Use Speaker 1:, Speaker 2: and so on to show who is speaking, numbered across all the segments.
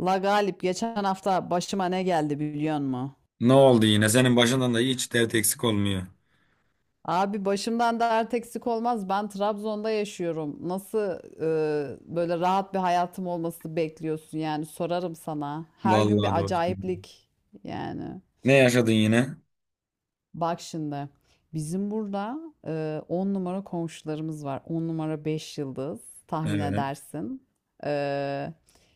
Speaker 1: La Galip geçen hafta başıma ne geldi biliyor musun?
Speaker 2: Ne oldu yine? Senin başından da hiç dert eksik olmuyor.
Speaker 1: Abi başımdan dert eksik olmaz. Ben Trabzon'da yaşıyorum. Nasıl böyle rahat bir hayatım olması bekliyorsun yani sorarım sana. Her gün
Speaker 2: Vallahi
Speaker 1: bir
Speaker 2: doğru.
Speaker 1: acayiplik yani.
Speaker 2: Ne yaşadın yine?
Speaker 1: Bak şimdi bizim burada 10 numara komşularımız var. 10 numara 5 yıldız tahmin
Speaker 2: Evet.
Speaker 1: edersin. E,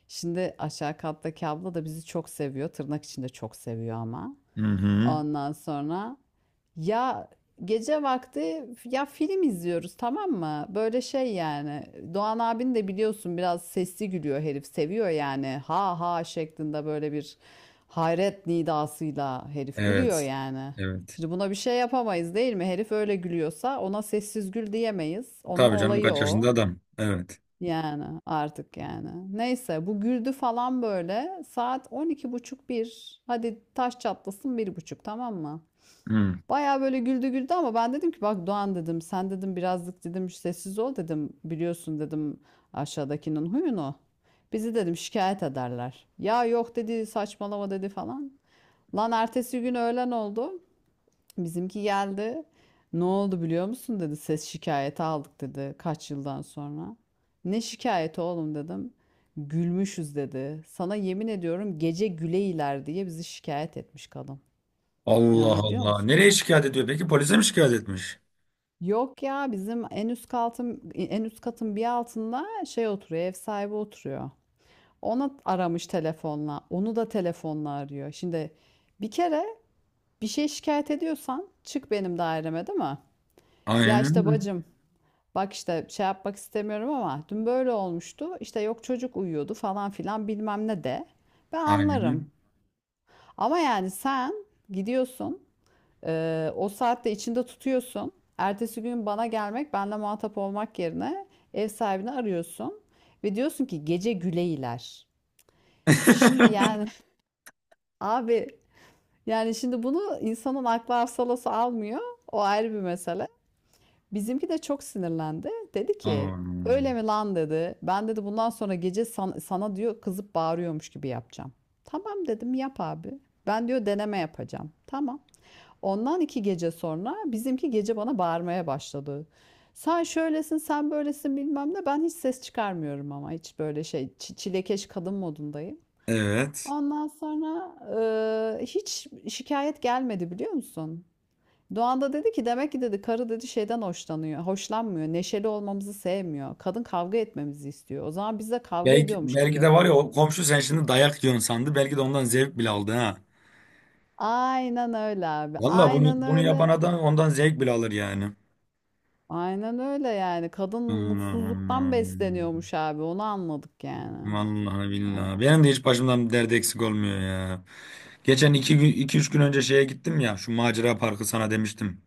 Speaker 1: şimdi aşağı kattaki abla da bizi çok seviyor. Tırnak içinde çok seviyor ama.
Speaker 2: Hı hı.
Speaker 1: Ondan sonra... Ya gece vakti ya film izliyoruz tamam mı? Böyle şey yani Doğan abin de biliyorsun biraz sesli gülüyor herif seviyor yani ha ha şeklinde böyle bir hayret nidasıyla herif gülüyor
Speaker 2: Evet.
Speaker 1: yani.
Speaker 2: Evet.
Speaker 1: Şimdi buna bir şey yapamayız değil mi? Herif öyle gülüyorsa ona sessiz gül diyemeyiz. Onun
Speaker 2: Tabii canım
Speaker 1: olayı
Speaker 2: kaç
Speaker 1: o.
Speaker 2: yaşında adam. Evet.
Speaker 1: Yani artık yani. Neyse bu güldü falan böyle saat 12:30 bir. Hadi taş çatlasın 1:30 tamam mı?
Speaker 2: Hı.
Speaker 1: Baya böyle güldü güldü ama ben dedim ki bak Doğan dedim sen dedim birazcık dedim sessiz ol dedim biliyorsun dedim aşağıdakinin huyunu. Bizi dedim şikayet ederler. Ya yok dedi saçmalama dedi falan. Lan ertesi gün öğlen oldu. Bizimki geldi. Ne oldu biliyor musun dedi ses şikayeti aldık dedi kaç yıldan sonra. Ne şikayeti oğlum dedim. Gülmüşüz dedi. Sana yemin ediyorum gece güleyler diye bizi şikayet etmiş kadın.
Speaker 2: Allah
Speaker 1: İnanabiliyor
Speaker 2: Allah.
Speaker 1: musun?
Speaker 2: Nereye şikayet ediyor peki? Polise mi şikayet etmiş?
Speaker 1: Yok ya bizim en üst katın en üst katın bir altında şey oturuyor ev sahibi oturuyor. Ona aramış telefonla. Onu da telefonla arıyor. Şimdi bir kere bir şey şikayet ediyorsan çık benim daireme değil mi? Ya
Speaker 2: Aynen
Speaker 1: işte
Speaker 2: öyle.
Speaker 1: bacım bak işte şey yapmak istemiyorum ama dün böyle olmuştu. İşte yok çocuk uyuyordu falan filan bilmem ne de. Ben
Speaker 2: Aynen öyle.
Speaker 1: anlarım. Ama yani sen gidiyorsun o saatte içinde tutuyorsun. Ertesi gün bana gelmek, benle muhatap olmak yerine ev sahibini arıyorsun ve diyorsun ki gece Güleyler. Şimdi yani abi yani şimdi bunu insanın aklı hafsalası almıyor. O ayrı bir mesele. Bizimki de çok sinirlendi. Dedi ki öyle
Speaker 2: Aman.
Speaker 1: mi lan dedi. Ben dedi bundan sonra gece sana diyor kızıp bağırıyormuş gibi yapacağım. Tamam dedim yap abi. Ben diyor deneme yapacağım. Tamam. Ondan 2 gece sonra bizimki gece bana bağırmaya başladı. Sen şöylesin, sen böylesin bilmem ne. Ben hiç ses çıkarmıyorum ama hiç böyle şey çilekeş kadın modundayım.
Speaker 2: Evet.
Speaker 1: Ondan sonra hiç şikayet gelmedi biliyor musun? Doğan da dedi ki demek ki dedi karı dedi şeyden hoşlanıyor, hoşlanmıyor, neşeli olmamızı sevmiyor. Kadın kavga etmemizi istiyor. O zaman biz de kavga
Speaker 2: Belki,
Speaker 1: ediyormuş gibi
Speaker 2: belki de var ya
Speaker 1: yapalım.
Speaker 2: o komşu sen şimdi dayak yiyorsun sandı. Belki de ondan zevk bile aldı ha.
Speaker 1: Aynen öyle abi.
Speaker 2: Vallahi bunu
Speaker 1: Aynen
Speaker 2: bunu yapan
Speaker 1: öyle.
Speaker 2: adam ondan zevk bile alır yani.
Speaker 1: Aynen öyle yani. Kadın mutsuzluktan
Speaker 2: Aman.
Speaker 1: besleniyormuş abi. Onu anladık yani.
Speaker 2: Vallahi
Speaker 1: Ya.
Speaker 2: billahi. Benim de hiç başımdan bir dert eksik olmuyor ya. Geçen 2-3 gün önce şeye gittim ya. Şu macera parkı sana demiştim.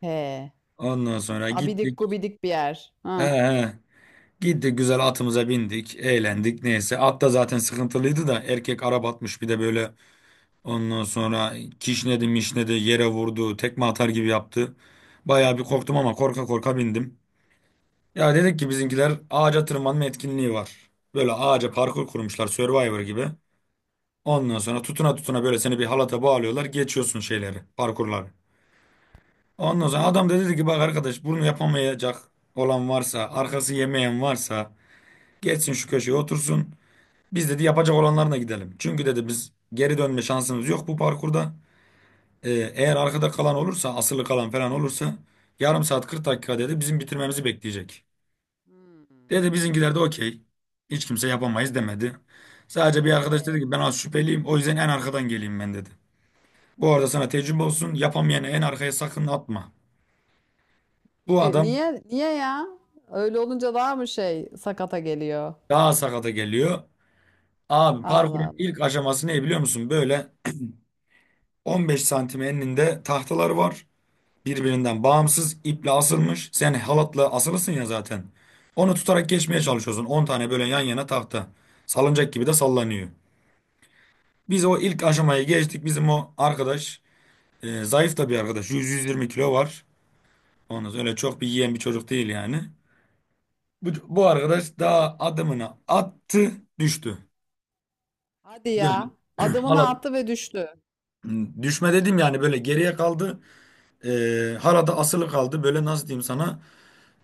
Speaker 1: He.
Speaker 2: Ondan sonra
Speaker 1: Abidik
Speaker 2: gittik.
Speaker 1: gubidik bir yer.
Speaker 2: He
Speaker 1: Ha.
Speaker 2: he. Gittik güzel atımıza bindik. Eğlendik neyse. At da zaten sıkıntılıydı da. Erkek araba atmış bir de böyle. Ondan sonra kişnedi mişnedi yere vurdu. Tekme atar gibi yaptı. Bayağı bir korktum ama korka korka bindim. Ya dedik ki bizimkiler ağaca tırmanma etkinliği var. Böyle ağaca parkur kurmuşlar Survivor gibi. Ondan sonra tutuna tutuna böyle seni bir halata bağlıyorlar. Geçiyorsun şeyleri, parkurları. Ondan sonra adam da dedi ki bak arkadaş bunu yapamayacak olan varsa, arkası yemeyen varsa geçsin şu köşeye otursun. Biz dedi yapacak olanlarına gidelim. Çünkü dedi biz geri dönme şansımız yok bu parkurda. Eğer arkada kalan olursa, asılı kalan falan olursa yarım saat 40 dakika dedi bizim bitirmemizi bekleyecek.
Speaker 1: Hmm.
Speaker 2: Dedi bizimkiler de okey. Hiç kimse yapamayız demedi. Sadece bir arkadaş
Speaker 1: Ee,
Speaker 2: dedi ki ben az şüpheliyim o yüzden en arkadan geleyim ben dedi. Bu arada sana tecrübe
Speaker 1: evet.
Speaker 2: olsun. Yapamayanı en arkaya sakın atma. Bu adam
Speaker 1: Niye niye ya? Öyle olunca daha mı şey sakata geliyor?
Speaker 2: daha sakata geliyor. Abi
Speaker 1: Allah
Speaker 2: parkurun
Speaker 1: Allah.
Speaker 2: ilk aşaması ne biliyor musun? Böyle 15 santim eninde tahtalar var. Birbirinden bağımsız iple asılmış. Sen halatla asılısın ya zaten. Onu tutarak geçmeye çalışıyorsun. 10 tane böyle yan yana tahta. Salıncak gibi de sallanıyor. Biz o ilk aşamayı geçtik. Bizim o arkadaş zayıf da bir arkadaş. 100-120 kilo var. Ondan sonra öyle çok bir yiyen bir çocuk değil yani. Bu, bu
Speaker 1: Hı.
Speaker 2: arkadaş daha adımını attı, düştü.
Speaker 1: Hadi
Speaker 2: Böyle
Speaker 1: ya. Adımını
Speaker 2: halat
Speaker 1: attı ve düştü.
Speaker 2: düşme dedim yani böyle geriye kaldı. Halada asılı kaldı. Böyle nasıl diyeyim sana?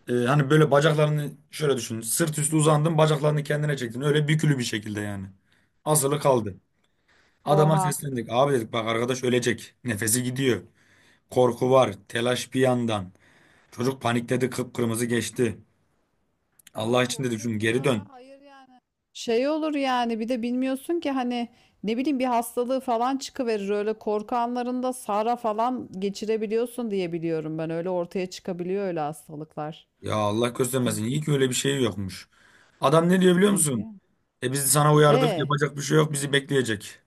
Speaker 2: E, hani böyle bacaklarını şöyle düşün. Sırt üstü uzandın, bacaklarını kendine çektin. Öyle bükülü bir şekilde yani. Asılı
Speaker 1: Aha.
Speaker 2: kaldı. Adama
Speaker 1: Oha.
Speaker 2: seslendik. Abi dedik bak arkadaş ölecek. Nefesi gidiyor. Korku var. Telaş bir yandan. Çocuk panikledi. Kıpkırmızı geçti.
Speaker 1: Ay
Speaker 2: Allah için
Speaker 1: çok
Speaker 2: dedik şunu
Speaker 1: kötü
Speaker 2: geri
Speaker 1: ya.
Speaker 2: dön.
Speaker 1: Hayır yani. Şey olur yani bir de bilmiyorsun ki hani ne bileyim bir hastalığı falan çıkıverir. Öyle korku anlarında sara falan geçirebiliyorsun diye biliyorum ben. Öyle ortaya çıkabiliyor öyle hastalıklar.
Speaker 2: Ya Allah göstermesin.
Speaker 1: Sıkıntı,
Speaker 2: İyi ki öyle bir şey yokmuş. Adam ne diyor biliyor
Speaker 1: sıkıntı
Speaker 2: musun?
Speaker 1: yani.
Speaker 2: E biz sana uyardık.
Speaker 1: E,
Speaker 2: Yapacak bir şey yok. Bizi bekleyecek.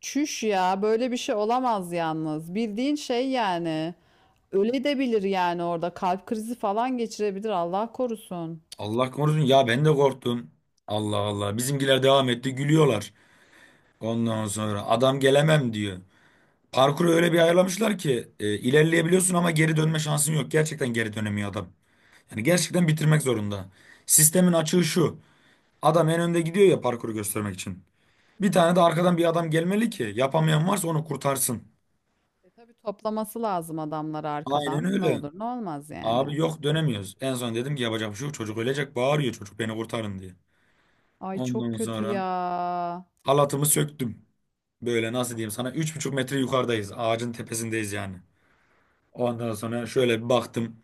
Speaker 1: çüş ya böyle bir şey olamaz yalnız. Bildiğin şey yani. Öle de bilir yani orada kalp krizi falan geçirebilir Allah korusun.
Speaker 2: Allah korusun. Ya ben de korktum. Allah Allah. Bizimkiler devam etti. Gülüyorlar. Ondan sonra adam gelemem diyor. Parkuru öyle bir ayarlamışlar ki ilerleyebiliyorsun ama geri dönme şansın yok. Gerçekten geri dönemiyor adam. Yani gerçekten bitirmek zorunda. Sistemin açığı şu. Adam en önde gidiyor ya parkuru göstermek için. Bir tane de arkadan bir adam gelmeli ki yapamayan varsa onu kurtarsın.
Speaker 1: E tabii toplaması lazım adamları
Speaker 2: Aynen
Speaker 1: arkadan. Ne
Speaker 2: öyle.
Speaker 1: olur ne olmaz
Speaker 2: Abi
Speaker 1: yani.
Speaker 2: yok dönemiyoruz. En son dedim ki yapacak bir şey yok. Çocuk ölecek bağırıyor çocuk beni kurtarın diye.
Speaker 1: Ay çok
Speaker 2: Ondan
Speaker 1: kötü
Speaker 2: sonra
Speaker 1: ya.
Speaker 2: halatımı söktüm. Böyle nasıl diyeyim sana 3,5 metre yukarıdayız. Ağacın tepesindeyiz yani. Ondan sonra şöyle bir baktım.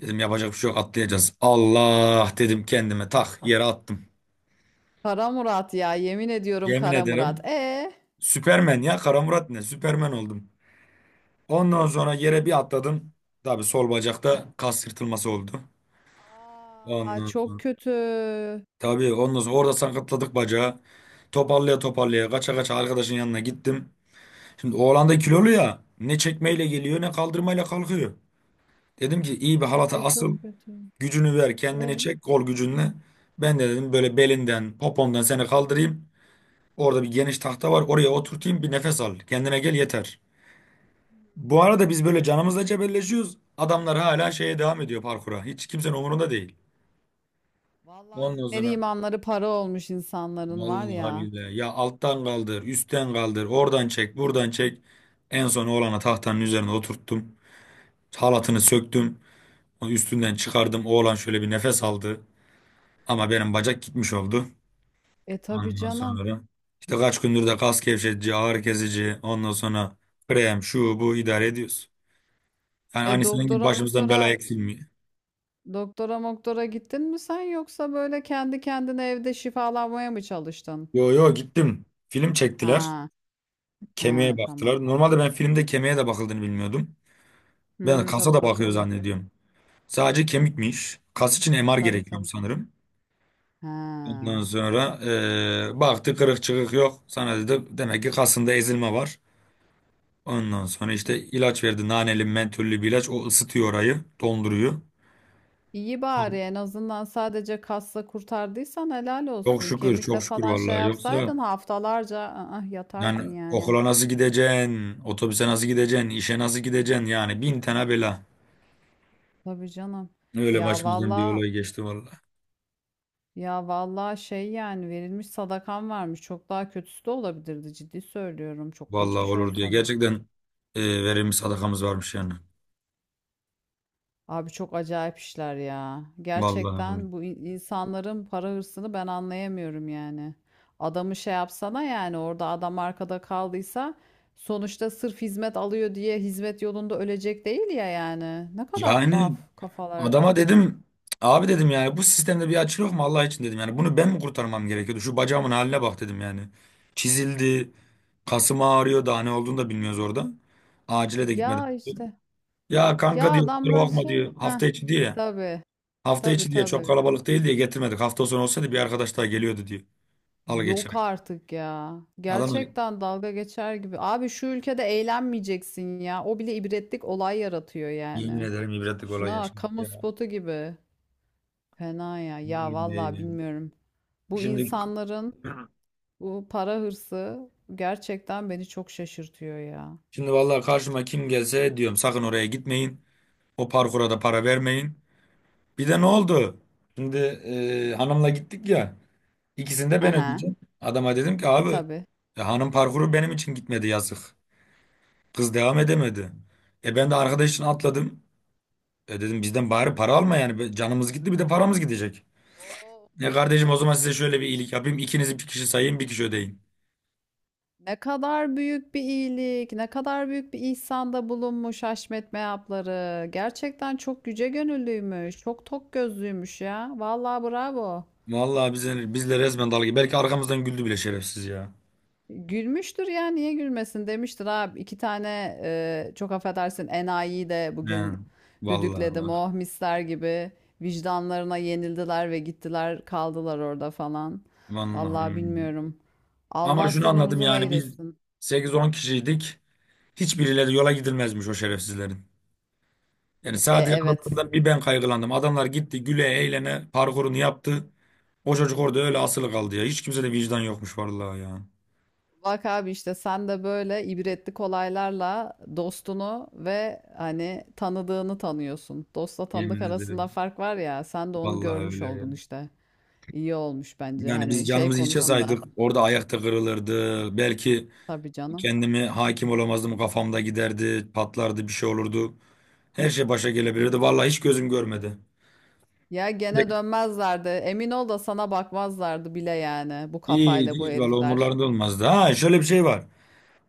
Speaker 2: Dedim yapacak bir şey yok atlayacağız. Allah dedim kendime tak yere attım.
Speaker 1: Kara Murat ya yemin ediyorum
Speaker 2: Yemin
Speaker 1: Kara Murat.
Speaker 2: ederim
Speaker 1: E?
Speaker 2: Süpermen ya, Kara Murat ne, Süpermen oldum. Ondan sonra yere bir atladım. Tabii sol bacakta kas yırtılması oldu.
Speaker 1: Aa
Speaker 2: Ondan
Speaker 1: çok
Speaker 2: sonra
Speaker 1: kötü.
Speaker 2: tabii ondan sonra orada sakatladık bacağı. Toparlaya toparlaya kaça kaça arkadaşın yanına gittim. Şimdi oğlan da kilolu ya. Ne çekmeyle geliyor ne kaldırmayla kalkıyor. Dedim ki iyi bir halata
Speaker 1: Ay çok
Speaker 2: asıl,
Speaker 1: kötü.
Speaker 2: gücünü ver kendini
Speaker 1: E?
Speaker 2: çek kol gücünle. Ben de dedim böyle belinden popondan seni kaldırayım. Orada bir geniş tahta var oraya oturtayım bir nefes al. Kendine gel yeter. Bu arada biz böyle canımızla cebelleşiyoruz. Adamlar hala şeye devam ediyor parkura. Hiç kimsenin umurunda değil.
Speaker 1: Vallahi
Speaker 2: Ondan
Speaker 1: dinleri
Speaker 2: sonra
Speaker 1: imanları para olmuş insanların var
Speaker 2: vallahi
Speaker 1: ya.
Speaker 2: billahi. Ya alttan kaldır, üstten kaldır, oradan çek, buradan çek. En son oğlana tahtanın üzerine oturttum. Halatını söktüm. O üstünden çıkardım. Oğlan şöyle bir nefes aldı. Ama benim bacak gitmiş oldu.
Speaker 1: E tabii
Speaker 2: Ondan
Speaker 1: canım.
Speaker 2: sonra işte kaç gündür de kas gevşetici, ağrı kesici, ondan sonra krem, şu bu idare ediyoruz. Yani
Speaker 1: E
Speaker 2: hani senin gibi
Speaker 1: doktora
Speaker 2: başımızdan bela eksilmiyor.
Speaker 1: gittin mi sen yoksa böyle kendi kendine evde şifalanmaya mı çalıştın?
Speaker 2: Yo yo gittim. Film çektiler.
Speaker 1: Ha ha
Speaker 2: Kemiğe
Speaker 1: tamam.
Speaker 2: baktılar. Normalde ben filmde kemiğe de bakıldığını bilmiyordum. Ben
Speaker 1: Hmm,
Speaker 2: kasa
Speaker 1: tabii
Speaker 2: da bakıyor
Speaker 1: bakılıyor.
Speaker 2: zannediyorum. Sadece kemikmiş. Kas için MR
Speaker 1: Tabii
Speaker 2: gerekiyor
Speaker 1: tabii.
Speaker 2: sanırım.
Speaker 1: Ha.
Speaker 2: Ondan sonra baktı kırık çıkık yok. Sana dedi demek ki kasında ezilme var. Ondan sonra işte ilaç verdi. Naneli mentüllü bir ilaç. O ısıtıyor orayı. Donduruyor.
Speaker 1: İyi bari en azından sadece kasla kurtardıysan helal
Speaker 2: Çok
Speaker 1: olsun.
Speaker 2: şükür çok
Speaker 1: Kemikle
Speaker 2: şükür
Speaker 1: falan şey
Speaker 2: vallahi. Yoksa
Speaker 1: yapsaydın haftalarca
Speaker 2: yani
Speaker 1: yatardın yani.
Speaker 2: okula nasıl gideceksin? Otobüse nasıl gideceksin? İşe nasıl gideceksin? Yani bin tane bela.
Speaker 1: Tabii canım.
Speaker 2: Öyle
Speaker 1: Ya
Speaker 2: başımızdan bir
Speaker 1: valla
Speaker 2: olay geçti vallahi.
Speaker 1: ya valla şey yani verilmiş sadakan varmış. Çok daha kötüsü de olabilirdi ciddi söylüyorum. Çok
Speaker 2: Vallahi
Speaker 1: geçmiş
Speaker 2: olur diye.
Speaker 1: olsun.
Speaker 2: Gerçekten verilmiş sadakamız varmış yani.
Speaker 1: Abi çok acayip işler ya.
Speaker 2: Vallahi öyle.
Speaker 1: Gerçekten bu insanların para hırsını ben anlayamıyorum yani. Adamı şey yapsana yani orada adam arkada kaldıysa sonuçta sırf hizmet alıyor diye hizmet yolunda ölecek değil ya yani. Ne kadar
Speaker 2: Yani
Speaker 1: tuhaf kafalar.
Speaker 2: adama dedim abi dedim yani bu sistemde bir açık yok mu Allah için dedim. Yani bunu ben mi kurtarmam gerekiyordu? Şu bacağımın haline bak dedim yani. Çizildi. Kasım ağrıyor daha ne olduğunu da bilmiyoruz orada. Acile de gitmeden.
Speaker 1: Ya işte
Speaker 2: Ya
Speaker 1: ya
Speaker 2: kanka diyor kusura
Speaker 1: adamlar
Speaker 2: bakma
Speaker 1: şey
Speaker 2: diyor
Speaker 1: ha
Speaker 2: hafta içi diye.
Speaker 1: tabii
Speaker 2: Hafta
Speaker 1: tabii
Speaker 2: içi diye çok
Speaker 1: tabii.
Speaker 2: kalabalık değil diye getirmedik. Hafta sonu olsaydı bir arkadaş daha geliyordu diyor. Halı
Speaker 1: Yok
Speaker 2: geçerek.
Speaker 1: artık ya.
Speaker 2: Adam öyle,
Speaker 1: Gerçekten dalga geçer gibi. Abi şu ülkede eğlenmeyeceksin ya. O bile ibretlik olay yaratıyor
Speaker 2: yemin
Speaker 1: yani.
Speaker 2: ederim ibretlik olay
Speaker 1: Şuna bak,
Speaker 2: yaşadık
Speaker 1: kamu
Speaker 2: ya.
Speaker 1: spotu gibi. Fena ya. Ya
Speaker 2: Yemin
Speaker 1: vallahi
Speaker 2: ederim.
Speaker 1: bilmiyorum. Bu
Speaker 2: Şimdi
Speaker 1: insanların bu para hırsı gerçekten beni çok şaşırtıyor ya.
Speaker 2: şimdi vallahi karşıma kim gelse diyorum sakın oraya gitmeyin. O parkura da para vermeyin. Bir de ne oldu? Şimdi hanımla gittik ya. İkisini de
Speaker 1: Hı
Speaker 2: ben
Speaker 1: hı.
Speaker 2: ödeyeceğim. Adama dedim ki
Speaker 1: E
Speaker 2: abi
Speaker 1: tabi.
Speaker 2: hanım parkuru benim için gitmedi yazık. Kız devam edemedi. E ben de arkadaş için atladım. E dedim bizden bari para alma yani. Canımız gitti bir de paramız gidecek.
Speaker 1: O
Speaker 2: Ya
Speaker 1: umurunda
Speaker 2: kardeşim
Speaker 1: bile
Speaker 2: o zaman size
Speaker 1: olmaz.
Speaker 2: şöyle bir iyilik yapayım. İkinizi bir kişi sayayım bir kişi ödeyin.
Speaker 1: Ne kadar büyük bir iyilik, ne kadar büyük bir ihsanda bulunmuş Haşmet Meyapları. Gerçekten çok yüce gönüllüymüş, çok tok gözlüymüş ya. Vallahi bravo.
Speaker 2: Vallahi bizle resmen dalga. Belki arkamızdan güldü bile şerefsiz ya.
Speaker 1: Gülmüştür ya, niye gülmesin demiştir abi. İki tane çok affedersin enayiyi de bugün
Speaker 2: Yani, vallahi
Speaker 1: düdükledim.
Speaker 2: bak.
Speaker 1: Oh misler gibi vicdanlarına yenildiler ve gittiler kaldılar orada falan. Vallahi
Speaker 2: Vallahi.
Speaker 1: bilmiyorum.
Speaker 2: Ama
Speaker 1: Allah
Speaker 2: şunu anladım
Speaker 1: sonumuzu
Speaker 2: yani
Speaker 1: hayır
Speaker 2: biz
Speaker 1: etsin.
Speaker 2: 8-10 kişiydik. Hiçbirileri yola gidilmezmiş o şerefsizlerin. Yani
Speaker 1: E,
Speaker 2: sadece
Speaker 1: evet.
Speaker 2: adamlardan bir ben kaygılandım. Adamlar gitti güle eğlene parkurunu yaptı. O çocuk orada öyle asılı kaldı ya. Hiç kimsede vicdan yokmuş vallahi ya.
Speaker 1: Bak abi işte sen de böyle ibretlik olaylarla dostunu ve hani tanıdığını tanıyorsun. Dostla
Speaker 2: Yemin
Speaker 1: tanıdık arasında
Speaker 2: ederim.
Speaker 1: fark var ya sen de onu
Speaker 2: Vallahi
Speaker 1: görmüş
Speaker 2: öyle ya.
Speaker 1: oldun işte. İyi olmuş bence
Speaker 2: Yani
Speaker 1: hani
Speaker 2: biz
Speaker 1: şey
Speaker 2: canımızı hiçe
Speaker 1: konusunda.
Speaker 2: saydık. Orada ayakta kırılırdı. Belki
Speaker 1: Tabii canım.
Speaker 2: kendimi hakim olamazdım. Kafamda giderdi, patlardı, bir şey olurdu. Her şey başa gelebilirdi. Vallahi hiç gözüm görmedi.
Speaker 1: Ya gene
Speaker 2: De-
Speaker 1: dönmezlerdi. Emin ol da sana bakmazlardı bile yani bu
Speaker 2: Hiç,
Speaker 1: kafayla bu
Speaker 2: hiç vallahi
Speaker 1: herifler.
Speaker 2: umurlarında olmazdı. Ha şöyle bir şey var.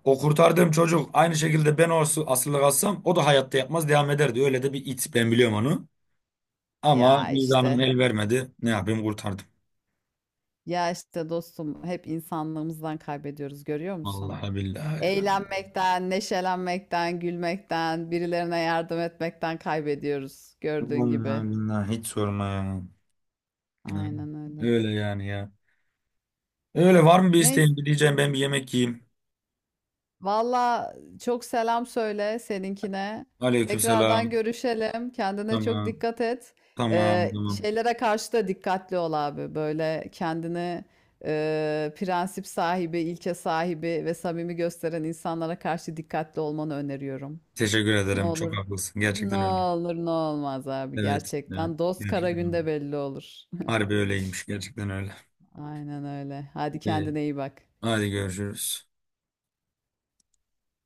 Speaker 2: O kurtardığım çocuk aynı şekilde ben o asılı kalsam o da hayatta yapmaz devam ederdi. Öyle de bir it ben biliyorum onu. Ama
Speaker 1: Ya
Speaker 2: vicdanım
Speaker 1: işte.
Speaker 2: el vermedi. Ne yapayım kurtardım.
Speaker 1: Ya işte dostum hep insanlığımızdan kaybediyoruz görüyor musun?
Speaker 2: Vallahi billahi, ya.
Speaker 1: Eğlenmekten, neşelenmekten, gülmekten, birilerine yardım etmekten kaybediyoruz gördüğün gibi.
Speaker 2: Vallahi billahi hiç sorma ya. Hı.
Speaker 1: Aynen öyle.
Speaker 2: Öyle yani ya. Öyle var mı bir
Speaker 1: Neyse,
Speaker 2: isteğin? Bir diyeceğim ben bir yemek yiyeyim.
Speaker 1: valla çok selam söyle seninkine. Tekrardan
Speaker 2: Aleykümselam.
Speaker 1: görüşelim. Kendine çok
Speaker 2: Tamam.
Speaker 1: dikkat et.
Speaker 2: Tamam tamam.
Speaker 1: Şeylere karşı da dikkatli ol abi. Böyle kendini prensip sahibi, ilke sahibi ve samimi gösteren insanlara karşı dikkatli olmanı öneriyorum.
Speaker 2: Teşekkür
Speaker 1: Ne
Speaker 2: ederim. Çok
Speaker 1: olur.
Speaker 2: haklısın.
Speaker 1: Ne
Speaker 2: Gerçekten öyle.
Speaker 1: olur ne olmaz abi
Speaker 2: Evet. Evet.
Speaker 1: gerçekten. Dost kara
Speaker 2: Gerçekten öyle.
Speaker 1: günde belli olur.
Speaker 2: Harbi öyleymiş. Gerçekten öyle.
Speaker 1: Aynen öyle. Hadi
Speaker 2: Ee,
Speaker 1: kendine iyi bak.
Speaker 2: hadi görüşürüz.